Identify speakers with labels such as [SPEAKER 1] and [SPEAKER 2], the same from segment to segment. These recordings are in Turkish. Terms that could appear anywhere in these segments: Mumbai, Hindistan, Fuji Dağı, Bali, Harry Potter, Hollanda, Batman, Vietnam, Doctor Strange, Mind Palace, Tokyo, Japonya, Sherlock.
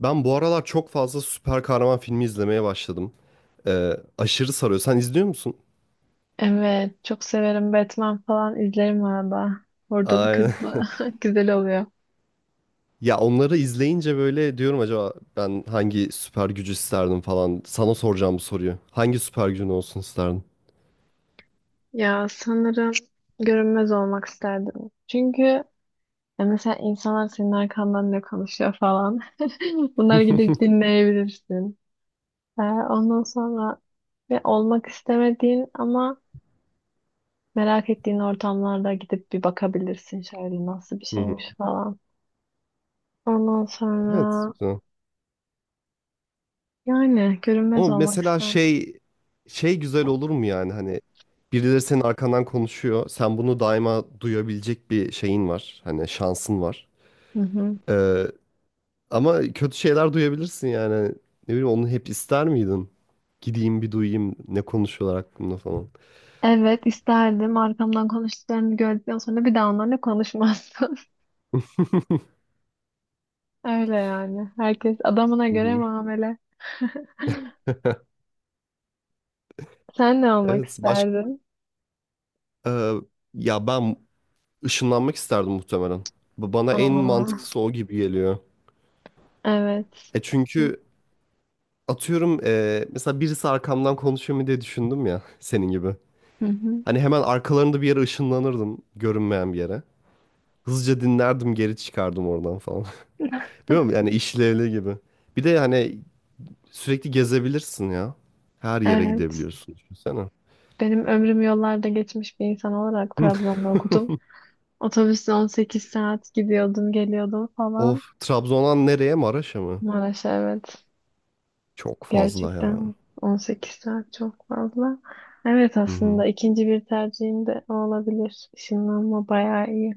[SPEAKER 1] Ben bu aralar çok fazla süper kahraman filmi izlemeye başladım. Aşırı sarıyor. Sen izliyor musun?
[SPEAKER 2] Evet, çok severim. Batman falan izlerim arada. Ordalı
[SPEAKER 1] Aynen.
[SPEAKER 2] kırdılı. Güzel oluyor.
[SPEAKER 1] Ya onları izleyince böyle diyorum acaba ben hangi süper gücü isterdim falan. Sana soracağım bu soruyu. Hangi süper gücün olsun isterdin?
[SPEAKER 2] Ya sanırım görünmez olmak isterdim. Çünkü ya mesela insanlar senin arkandan ne konuşuyor falan. Bunları gidip dinleyebilirsin. Ondan sonra ve olmak istemediğin ama merak ettiğin ortamlarda gidip bir bakabilirsin şöyle nasıl bir
[SPEAKER 1] Hı hı.
[SPEAKER 2] şeymiş falan. Ondan
[SPEAKER 1] Evet,
[SPEAKER 2] sonra
[SPEAKER 1] güzel.
[SPEAKER 2] yani görünmez
[SPEAKER 1] Ama
[SPEAKER 2] olmak
[SPEAKER 1] mesela
[SPEAKER 2] isterdim.
[SPEAKER 1] şey güzel olur mu yani hani birileri senin arkandan konuşuyor. Sen bunu daima duyabilecek bir şeyin var. Hani şansın var.
[SPEAKER 2] Hı hı.
[SPEAKER 1] Ee, Ama kötü şeyler duyabilirsin yani. Ne bileyim onu hep ister miydin? Gideyim bir duyayım ne konuşuyorlar hakkında falan.
[SPEAKER 2] Evet isterdim. Arkamdan konuştuklarını gördükten sonra bir daha onlarla konuşmazsın. Öyle yani. Herkes adamına
[SPEAKER 1] Hı
[SPEAKER 2] göre
[SPEAKER 1] hı.
[SPEAKER 2] muamele. Sen ne olmak
[SPEAKER 1] Evet, başka
[SPEAKER 2] isterdin?
[SPEAKER 1] ya ben ışınlanmak isterdim muhtemelen. Bana en
[SPEAKER 2] Aa,
[SPEAKER 1] mantıklısı o gibi geliyor.
[SPEAKER 2] evet.
[SPEAKER 1] E
[SPEAKER 2] Çünkü-
[SPEAKER 1] çünkü atıyorum mesela birisi arkamdan konuşuyor mu diye düşündüm ya senin gibi.
[SPEAKER 2] Hı hı.
[SPEAKER 1] Hani hemen arkalarında bir yere ışınlanırdım görünmeyen bir yere. Hızlıca dinlerdim geri çıkardım oradan falan. Biliyor musun? Yani işlevli gibi. Bir de hani sürekli gezebilirsin ya. Her yere
[SPEAKER 2] Evet.
[SPEAKER 1] gidebiliyorsun. Düşünsene.
[SPEAKER 2] Benim ömrüm yollarda geçmiş bir insan olarak
[SPEAKER 1] Hı.
[SPEAKER 2] Trabzon'da okudum. Otobüsle 18 saat gidiyordum, geliyordum
[SPEAKER 1] Of.
[SPEAKER 2] falan.
[SPEAKER 1] Trabzon'dan nereye? Maraş'a mı?
[SPEAKER 2] Maraş'a evet.
[SPEAKER 1] Çok fazla ya.
[SPEAKER 2] Gerçekten 18 saat çok fazla. Evet
[SPEAKER 1] Hı hı.
[SPEAKER 2] aslında ikinci bir tercihim de o olabilir. Işınlanma bayağı iyi.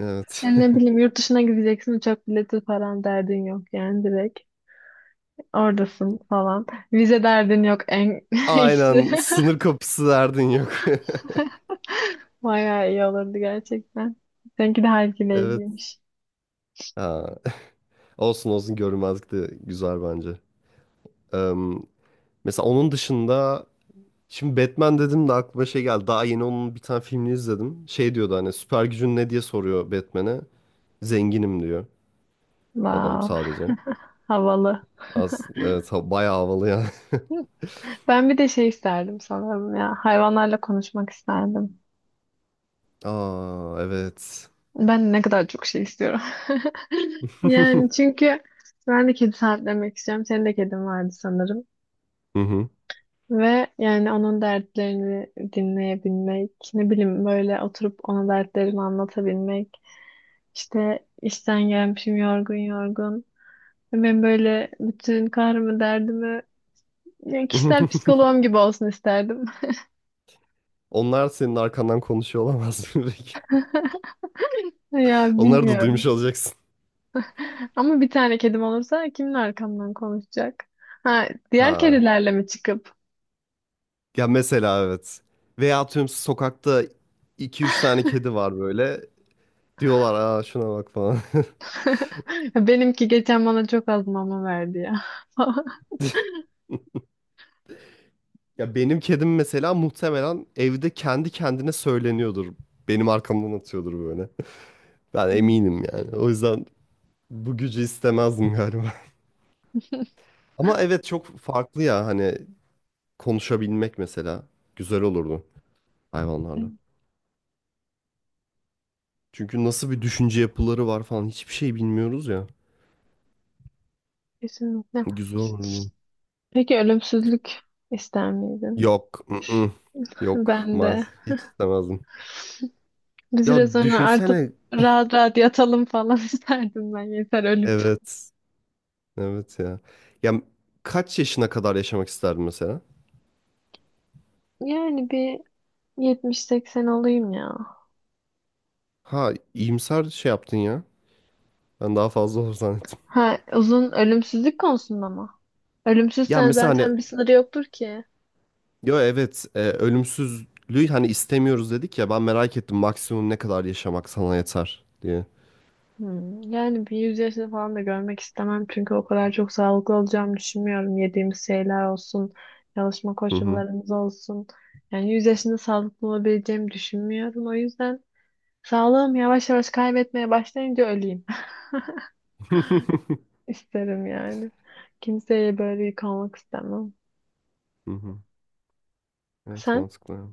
[SPEAKER 1] Evet.
[SPEAKER 2] Yani ne bileyim yurt dışına gideceksin uçak bileti falan derdin yok yani direkt. Oradasın falan. Vize derdin yok en iyisi.
[SPEAKER 1] Aynen. Sınır kapısı derdin yok.
[SPEAKER 2] Bayağı iyi olurdu gerçekten. Seninki de
[SPEAKER 1] Evet.
[SPEAKER 2] halkileyiciymiş.
[SPEAKER 1] Ha. Olsun olsun görünmezlik de güzel bence. Eee, Mesela onun dışında şimdi Batman dedim de aklıma şey geldi. Daha yeni onun bir tane filmini izledim. Şey diyordu hani süper gücün ne diye soruyor Batman'e. Zenginim diyor adam
[SPEAKER 2] Wow,
[SPEAKER 1] sadece.
[SPEAKER 2] havalı.
[SPEAKER 1] Az, evet, bayağı havalı yani.
[SPEAKER 2] Ben bir de şey isterdim sanırım ya. Hayvanlarla konuşmak isterdim.
[SPEAKER 1] Aa evet.
[SPEAKER 2] Ben ne kadar çok şey istiyorum. Yani çünkü ben de kedi sahiplenmek istiyorum. Senin de kedin vardı sanırım.
[SPEAKER 1] Hı hı.
[SPEAKER 2] Ve yani onun dertlerini dinleyebilmek, ne bileyim böyle oturup ona dertlerimi anlatabilmek. İşte işten gelmişim yorgun yorgun. Ve ben böyle bütün kahrımı derdimi yani kişisel psikoloğum gibi olsun isterdim.
[SPEAKER 1] Onlar senin arkandan konuşuyor olamaz mı peki?
[SPEAKER 2] Ya
[SPEAKER 1] Onları da
[SPEAKER 2] bilmiyorum.
[SPEAKER 1] duymuş olacaksın.
[SPEAKER 2] Ama bir tane kedim olursa kimin arkamdan konuşacak? Ha, diğer
[SPEAKER 1] Ha.
[SPEAKER 2] kedilerle mi çıkıp?
[SPEAKER 1] Ya mesela evet. Veya atıyorum sokakta iki üç tane kedi var böyle. Diyorlar aa şuna bak falan.
[SPEAKER 2] Benimki geçen bana çok az mama verdi ya.
[SPEAKER 1] Ya benim kedim mesela muhtemelen evde kendi kendine söyleniyordur. Benim arkamdan atıyordur böyle. Ben eminim yani. O yüzden bu gücü istemezdim galiba. Ama evet çok farklı ya hani konuşabilmek mesela güzel olurdu hayvanlarla. Çünkü nasıl bir düşünce yapıları var falan hiçbir şey bilmiyoruz ya.
[SPEAKER 2] Kesinlikle.
[SPEAKER 1] Güzel olurdu.
[SPEAKER 2] Peki ölümsüzlük ister miydin?
[SPEAKER 1] Yok. I-ı. Yok.
[SPEAKER 2] Ben de.
[SPEAKER 1] Maz. Hiç istemezdim.
[SPEAKER 2] Biz
[SPEAKER 1] Ya
[SPEAKER 2] biraz sonra artık
[SPEAKER 1] düşünsene.
[SPEAKER 2] rahat rahat yatalım falan isterdim ben yeter ölüp.
[SPEAKER 1] Evet. Evet ya. Ya kaç yaşına kadar yaşamak isterdin mesela?
[SPEAKER 2] Yani bir 70-80 olayım ya.
[SPEAKER 1] Ha iyimser şey yaptın ya. Ben daha fazla olur zannettim.
[SPEAKER 2] Ha uzun ölümsüzlük konusunda mı?
[SPEAKER 1] Ya
[SPEAKER 2] Ölümsüzsen
[SPEAKER 1] mesela hani
[SPEAKER 2] zaten bir sınırı yoktur ki.
[SPEAKER 1] yo evet ölümsüzlüğü hani istemiyoruz dedik ya ben merak ettim maksimum ne kadar yaşamak sana yeter diye.
[SPEAKER 2] Hmm, yani bir 100 yaşını falan da görmek istemem çünkü o kadar çok sağlıklı olacağımı düşünmüyorum. Yediğimiz şeyler olsun, çalışma
[SPEAKER 1] Hı hı.
[SPEAKER 2] koşullarımız olsun. Yani 100 yaşında sağlıklı olabileceğimi düşünmüyorum. O yüzden sağlığım yavaş yavaş kaybetmeye başlayınca öleyim
[SPEAKER 1] Hı
[SPEAKER 2] isterim yani. Kimseye böyle yük olmak istemem.
[SPEAKER 1] hı. Evet
[SPEAKER 2] Sen?
[SPEAKER 1] mantıklı. Ya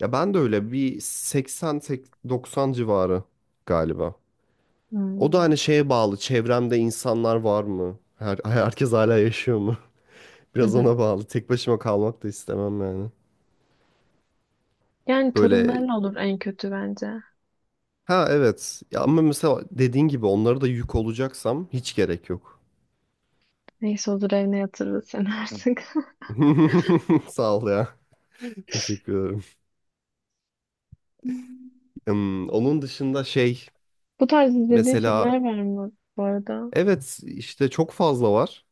[SPEAKER 1] Ben de öyle bir 80-90 civarı galiba. O da
[SPEAKER 2] Hmm.
[SPEAKER 1] hani şeye bağlı. Çevremde insanlar var mı? Her, herkes hala yaşıyor mu?
[SPEAKER 2] Hı
[SPEAKER 1] Biraz
[SPEAKER 2] hı.
[SPEAKER 1] ona bağlı. Tek başıma kalmak da istemem yani.
[SPEAKER 2] Yani
[SPEAKER 1] Böyle
[SPEAKER 2] torunlarla olur en kötü bence.
[SPEAKER 1] ha evet. Ya ama mesela dediğin gibi onlara da yük olacaksam hiç gerek yok.
[SPEAKER 2] Neyse olur evine yatırırız seni artık.
[SPEAKER 1] Sağ ol ya. Teşekkür ederim. Hmm, onun dışında şey
[SPEAKER 2] Bu tarz izlediğin
[SPEAKER 1] mesela
[SPEAKER 2] filmler var mı bu arada?
[SPEAKER 1] evet işte çok fazla var.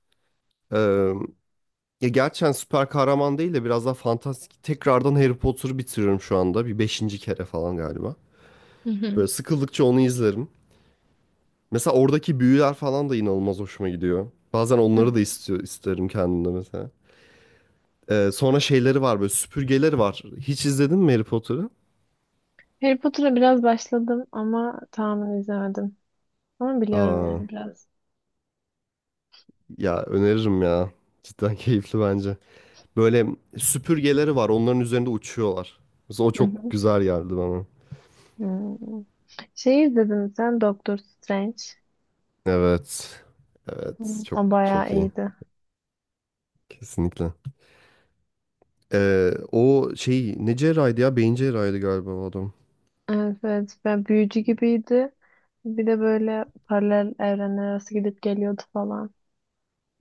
[SPEAKER 1] Ya gerçekten süper kahraman değil de biraz daha fantastik. Tekrardan Harry Potter'ı bitiriyorum şu anda. Bir beşinci kere falan galiba.
[SPEAKER 2] Hı hı.
[SPEAKER 1] Böyle sıkıldıkça onu izlerim. Mesela oradaki büyüler falan da inanılmaz hoşuma gidiyor. Bazen
[SPEAKER 2] Hı.
[SPEAKER 1] onları da istiyor, isterim kendimde mesela. Sonra şeyleri var böyle süpürgeleri var. Hiç izledin mi Harry Potter'ı?
[SPEAKER 2] Harry Potter'a biraz başladım ama tamamen izlemedim. Ama biliyorum
[SPEAKER 1] Aa,
[SPEAKER 2] yani biraz.
[SPEAKER 1] ya öneririm ya. Cidden keyifli bence. Böyle süpürgeleri var onların üzerinde uçuyorlar. Mesela o
[SPEAKER 2] Hı
[SPEAKER 1] çok
[SPEAKER 2] hı.
[SPEAKER 1] güzel geldi bana.
[SPEAKER 2] Hmm. Şey izledin mi sen Doctor Strange?
[SPEAKER 1] Evet.
[SPEAKER 2] Hmm.
[SPEAKER 1] Evet çok
[SPEAKER 2] O bayağı
[SPEAKER 1] çok iyi.
[SPEAKER 2] iyiydi.
[SPEAKER 1] Kesinlikle. O şey ne cerrahiydi ya? Beyin cerrahiydi galiba o adam.
[SPEAKER 2] Evet, evet. Ben büyücü gibiydi. Bir de böyle paralel evrenler arası gidip geliyordu falan.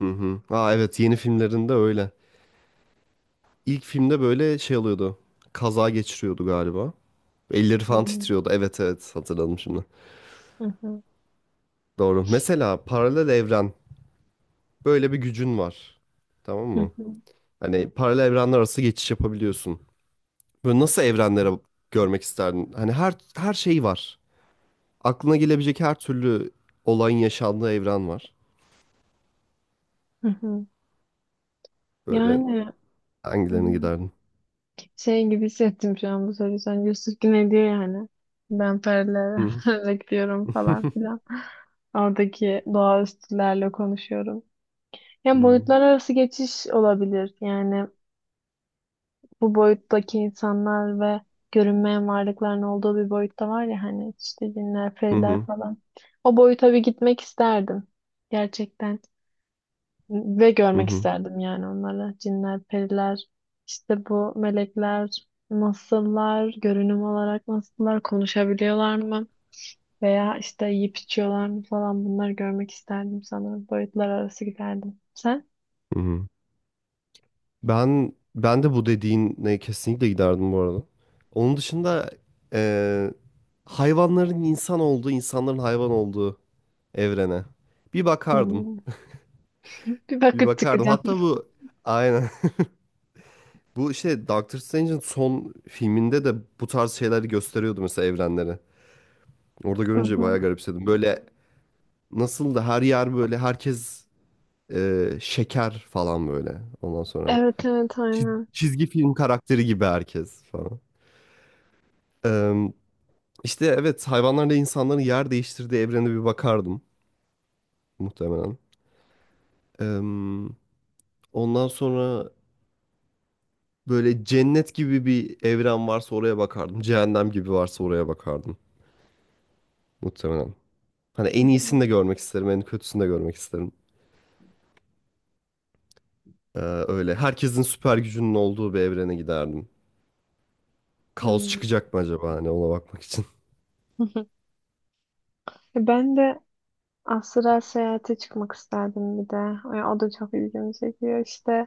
[SPEAKER 1] Hı hı. Aa evet yeni filmlerinde öyle. İlk filmde böyle şey alıyordu. Kaza geçiriyordu galiba. Elleri
[SPEAKER 2] Hı
[SPEAKER 1] falan
[SPEAKER 2] hı.
[SPEAKER 1] titriyordu. Evet evet hatırladım şimdi.
[SPEAKER 2] Hı hı.
[SPEAKER 1] Doğru. Mesela paralel evren. Böyle bir gücün var. Tamam
[SPEAKER 2] Hı
[SPEAKER 1] mı?
[SPEAKER 2] hı.
[SPEAKER 1] Hani paralel evrenler arası geçiş yapabiliyorsun. Böyle nasıl evrenlere görmek isterdin? Hani her şey var. Aklına gelebilecek her türlü olayın yaşandığı evren var.
[SPEAKER 2] Hı hı.
[SPEAKER 1] Böyle
[SPEAKER 2] Yani
[SPEAKER 1] hangilerine
[SPEAKER 2] hı.
[SPEAKER 1] giderdin?
[SPEAKER 2] Şey gibi hissettim şu an bu soruyu. Sen Yusuf Güney diyor yani. Ben perilerle
[SPEAKER 1] Hı
[SPEAKER 2] bekliyorum falan filan. Oradaki doğaüstülerle konuşuyorum. Yani
[SPEAKER 1] Hmm.
[SPEAKER 2] boyutlar arası geçiş olabilir. Yani bu boyuttaki insanlar ve görünmeyen varlıkların olduğu bir boyutta var ya hani işte cinler,
[SPEAKER 1] Hı
[SPEAKER 2] periler
[SPEAKER 1] hı
[SPEAKER 2] falan. O boyuta bir gitmek isterdim. Gerçekten. Ve
[SPEAKER 1] hı
[SPEAKER 2] görmek
[SPEAKER 1] hı
[SPEAKER 2] isterdim yani onları. Cinler, periler, işte bu melekler nasıllar, görünüm olarak nasıllar, konuşabiliyorlar mı? Veya işte yiyip içiyorlar mı falan bunları görmek isterdim sanırım. Boyutlar arası giderdim. Sen?
[SPEAKER 1] hı. Hı. Ben de bu dediğine kesinlikle giderdim bu arada. Onun dışında eee, hayvanların insan olduğu, insanların hayvan olduğu evrene bir
[SPEAKER 2] Hı
[SPEAKER 1] bakardım.
[SPEAKER 2] hı. Bir
[SPEAKER 1] Bir
[SPEAKER 2] bakıp
[SPEAKER 1] bakardım.
[SPEAKER 2] çıkacağım.
[SPEAKER 1] Hatta bu aynen bu işte Doctor Strange'in son filminde de bu tarz şeyleri gösteriyordu mesela evrenleri. Orada
[SPEAKER 2] Hı
[SPEAKER 1] görünce bayağı
[SPEAKER 2] hı.
[SPEAKER 1] garipsedim. Böyle nasıl da her yer böyle herkes şeker falan böyle. Ondan sonra
[SPEAKER 2] Evet evet aynen.
[SPEAKER 1] Çizgi film karakteri gibi herkes falan. Eee işte evet hayvanlarla insanların yer değiştirdiği evrene bir bakardım muhtemelen. Eee, Ondan sonra böyle cennet gibi bir evren varsa oraya bakardım. Cehennem gibi varsa oraya bakardım muhtemelen. Hani
[SPEAKER 2] Hı
[SPEAKER 1] en iyisini
[SPEAKER 2] hı.
[SPEAKER 1] de görmek isterim, en kötüsünü de görmek isterim. Eee, Öyle herkesin süper gücünün olduğu bir evrene giderdim. Kaos
[SPEAKER 2] Hı.
[SPEAKER 1] çıkacak mı acaba hani ona bakmak için.
[SPEAKER 2] Hı hı. Ben de astral seyahate çıkmak isterdim bir de. Ya o da çok ilgimi çekiyor işte.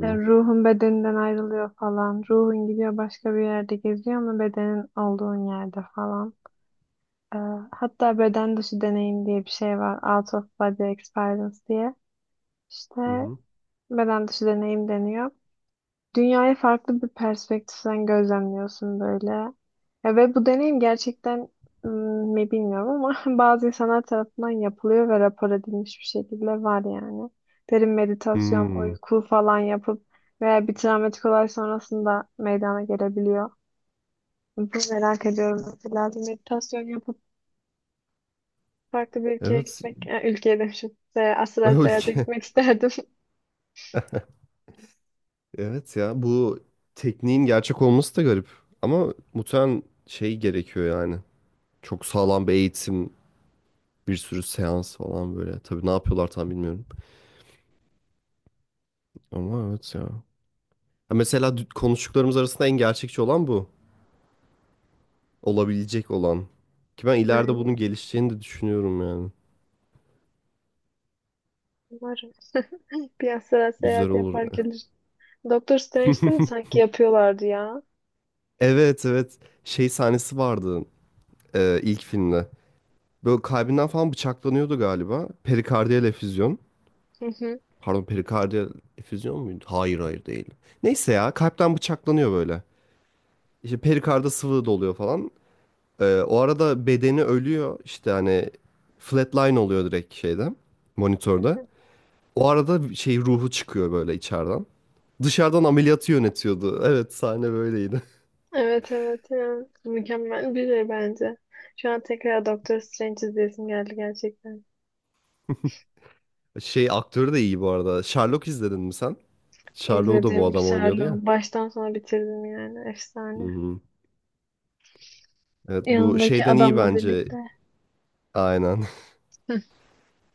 [SPEAKER 2] Ya ruhun bedeninden ayrılıyor falan. Ruhun gidiyor başka bir yerde geziyor ama bedenin olduğun yerde falan. Ee, hatta beden dışı deneyim diye bir şey var. Out of body experience diye.
[SPEAKER 1] Hı
[SPEAKER 2] İşte
[SPEAKER 1] hı.
[SPEAKER 2] beden dışı deneyim deniyor. Dünyayı farklı bir perspektiften gözlemliyorsun böyle. Ya ve bu deneyim gerçekten mi bilmiyorum ama bazı insanlar tarafından yapılıyor ve rapor edilmiş bir şekilde var yani. Derin meditasyon,
[SPEAKER 1] Hmm.
[SPEAKER 2] uyku falan yapıp veya bir travmatik olay sonrasında meydana gelebiliyor. Bunu merak ediyorum mesela. Bir meditasyon yapıp farklı bir ülkeye
[SPEAKER 1] Evet.
[SPEAKER 2] gitmek, ülkeye demişim. Asla seyahate
[SPEAKER 1] Öyle.
[SPEAKER 2] gitmek isterdim.
[SPEAKER 1] Evet ya bu tekniğin gerçek olması da garip. Ama muhtemelen şey gerekiyor yani. Çok sağlam bir eğitim, bir sürü seans falan böyle. Tabii ne yapıyorlar tam bilmiyorum. Ama evet ya. Ha mesela konuştuklarımız arasında en gerçekçi olan bu. Olabilecek olan. Ki ben ileride bunun
[SPEAKER 2] Yani
[SPEAKER 1] gelişeceğini de düşünüyorum yani.
[SPEAKER 2] umarım bir asla
[SPEAKER 1] Güzel
[SPEAKER 2] seyahat yapar
[SPEAKER 1] olur.
[SPEAKER 2] gelir. Doktor Strange'de de sanki yapıyorlardı ya.
[SPEAKER 1] Evet evet. Şey sahnesi vardı ilk filmde. Böyle kalbinden falan bıçaklanıyordu galiba. Perikardiyal efüzyon.
[SPEAKER 2] Hı hı.
[SPEAKER 1] Pardon perikardiyal efüzyon muydu? Hayır hayır değil. Neyse ya kalpten bıçaklanıyor böyle. İşte perikarda sıvı doluyor falan. O arada bedeni ölüyor. İşte hani flatline oluyor direkt şeyde monitörde. O arada şey ruhu çıkıyor böyle içeriden. Dışarıdan ameliyatı yönetiyordu. Evet sahne böyleydi.
[SPEAKER 2] Evet evet ya. Mükemmel bir şey bence. Şu an tekrar Doktor Strange izleyesim geldi gerçekten.
[SPEAKER 1] Şey aktörü de iyi bu arada. Sherlock izledin mi sen? Sherlock'u da bu
[SPEAKER 2] İzledim
[SPEAKER 1] adam oynuyordu ya.
[SPEAKER 2] Sherlock. Baştan sona bitirdim yani. Efsane.
[SPEAKER 1] Hı-hı. Evet bu
[SPEAKER 2] Yanındaki
[SPEAKER 1] şeyden iyi
[SPEAKER 2] adamla
[SPEAKER 1] bence.
[SPEAKER 2] birlikte.
[SPEAKER 1] Aynen.
[SPEAKER 2] Hı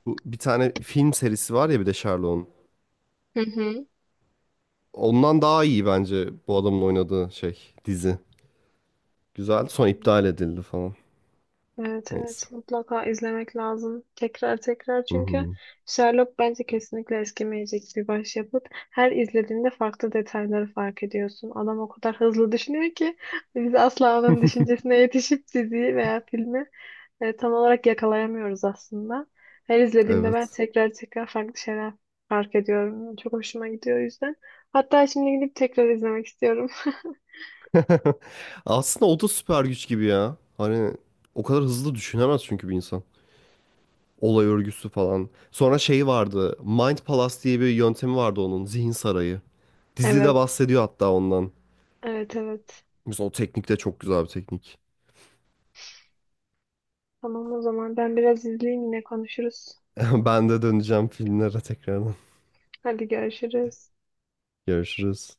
[SPEAKER 1] Bu bir tane film serisi var ya bir de Sherlock'un.
[SPEAKER 2] hı.
[SPEAKER 1] Ondan daha iyi bence bu adamın oynadığı şey dizi. Güzel. Sonra
[SPEAKER 2] Hı.
[SPEAKER 1] iptal edildi falan.
[SPEAKER 2] Evet evet
[SPEAKER 1] Neyse.
[SPEAKER 2] mutlaka izlemek lazım. Tekrar tekrar
[SPEAKER 1] Hı
[SPEAKER 2] çünkü
[SPEAKER 1] hı.
[SPEAKER 2] Sherlock bence kesinlikle eskimeyecek bir başyapıt. Her izlediğinde farklı detayları fark ediyorsun. Adam o kadar hızlı düşünüyor ki biz asla onun düşüncesine yetişip diziyi veya filmi tam olarak yakalayamıyoruz aslında. Her izlediğimde ben
[SPEAKER 1] Evet.
[SPEAKER 2] tekrar tekrar farklı şeyler fark ediyorum. Çok hoşuma gidiyor o yüzden. Hatta şimdi gidip tekrar izlemek istiyorum.
[SPEAKER 1] Aslında o da süper güç gibi ya. Hani o kadar hızlı düşünemez çünkü bir insan. Olay örgüsü falan. Sonra şey vardı. Mind Palace diye bir yöntemi vardı onun. Zihin sarayı. Dizide
[SPEAKER 2] Evet.
[SPEAKER 1] bahsediyor hatta ondan.
[SPEAKER 2] Evet evet.
[SPEAKER 1] Mesela o teknik de çok güzel bir teknik.
[SPEAKER 2] Tamam o zaman ben biraz izleyeyim yine konuşuruz.
[SPEAKER 1] Ben de döneceğim filmlere tekrardan.
[SPEAKER 2] Hadi görüşürüz.
[SPEAKER 1] Görüşürüz.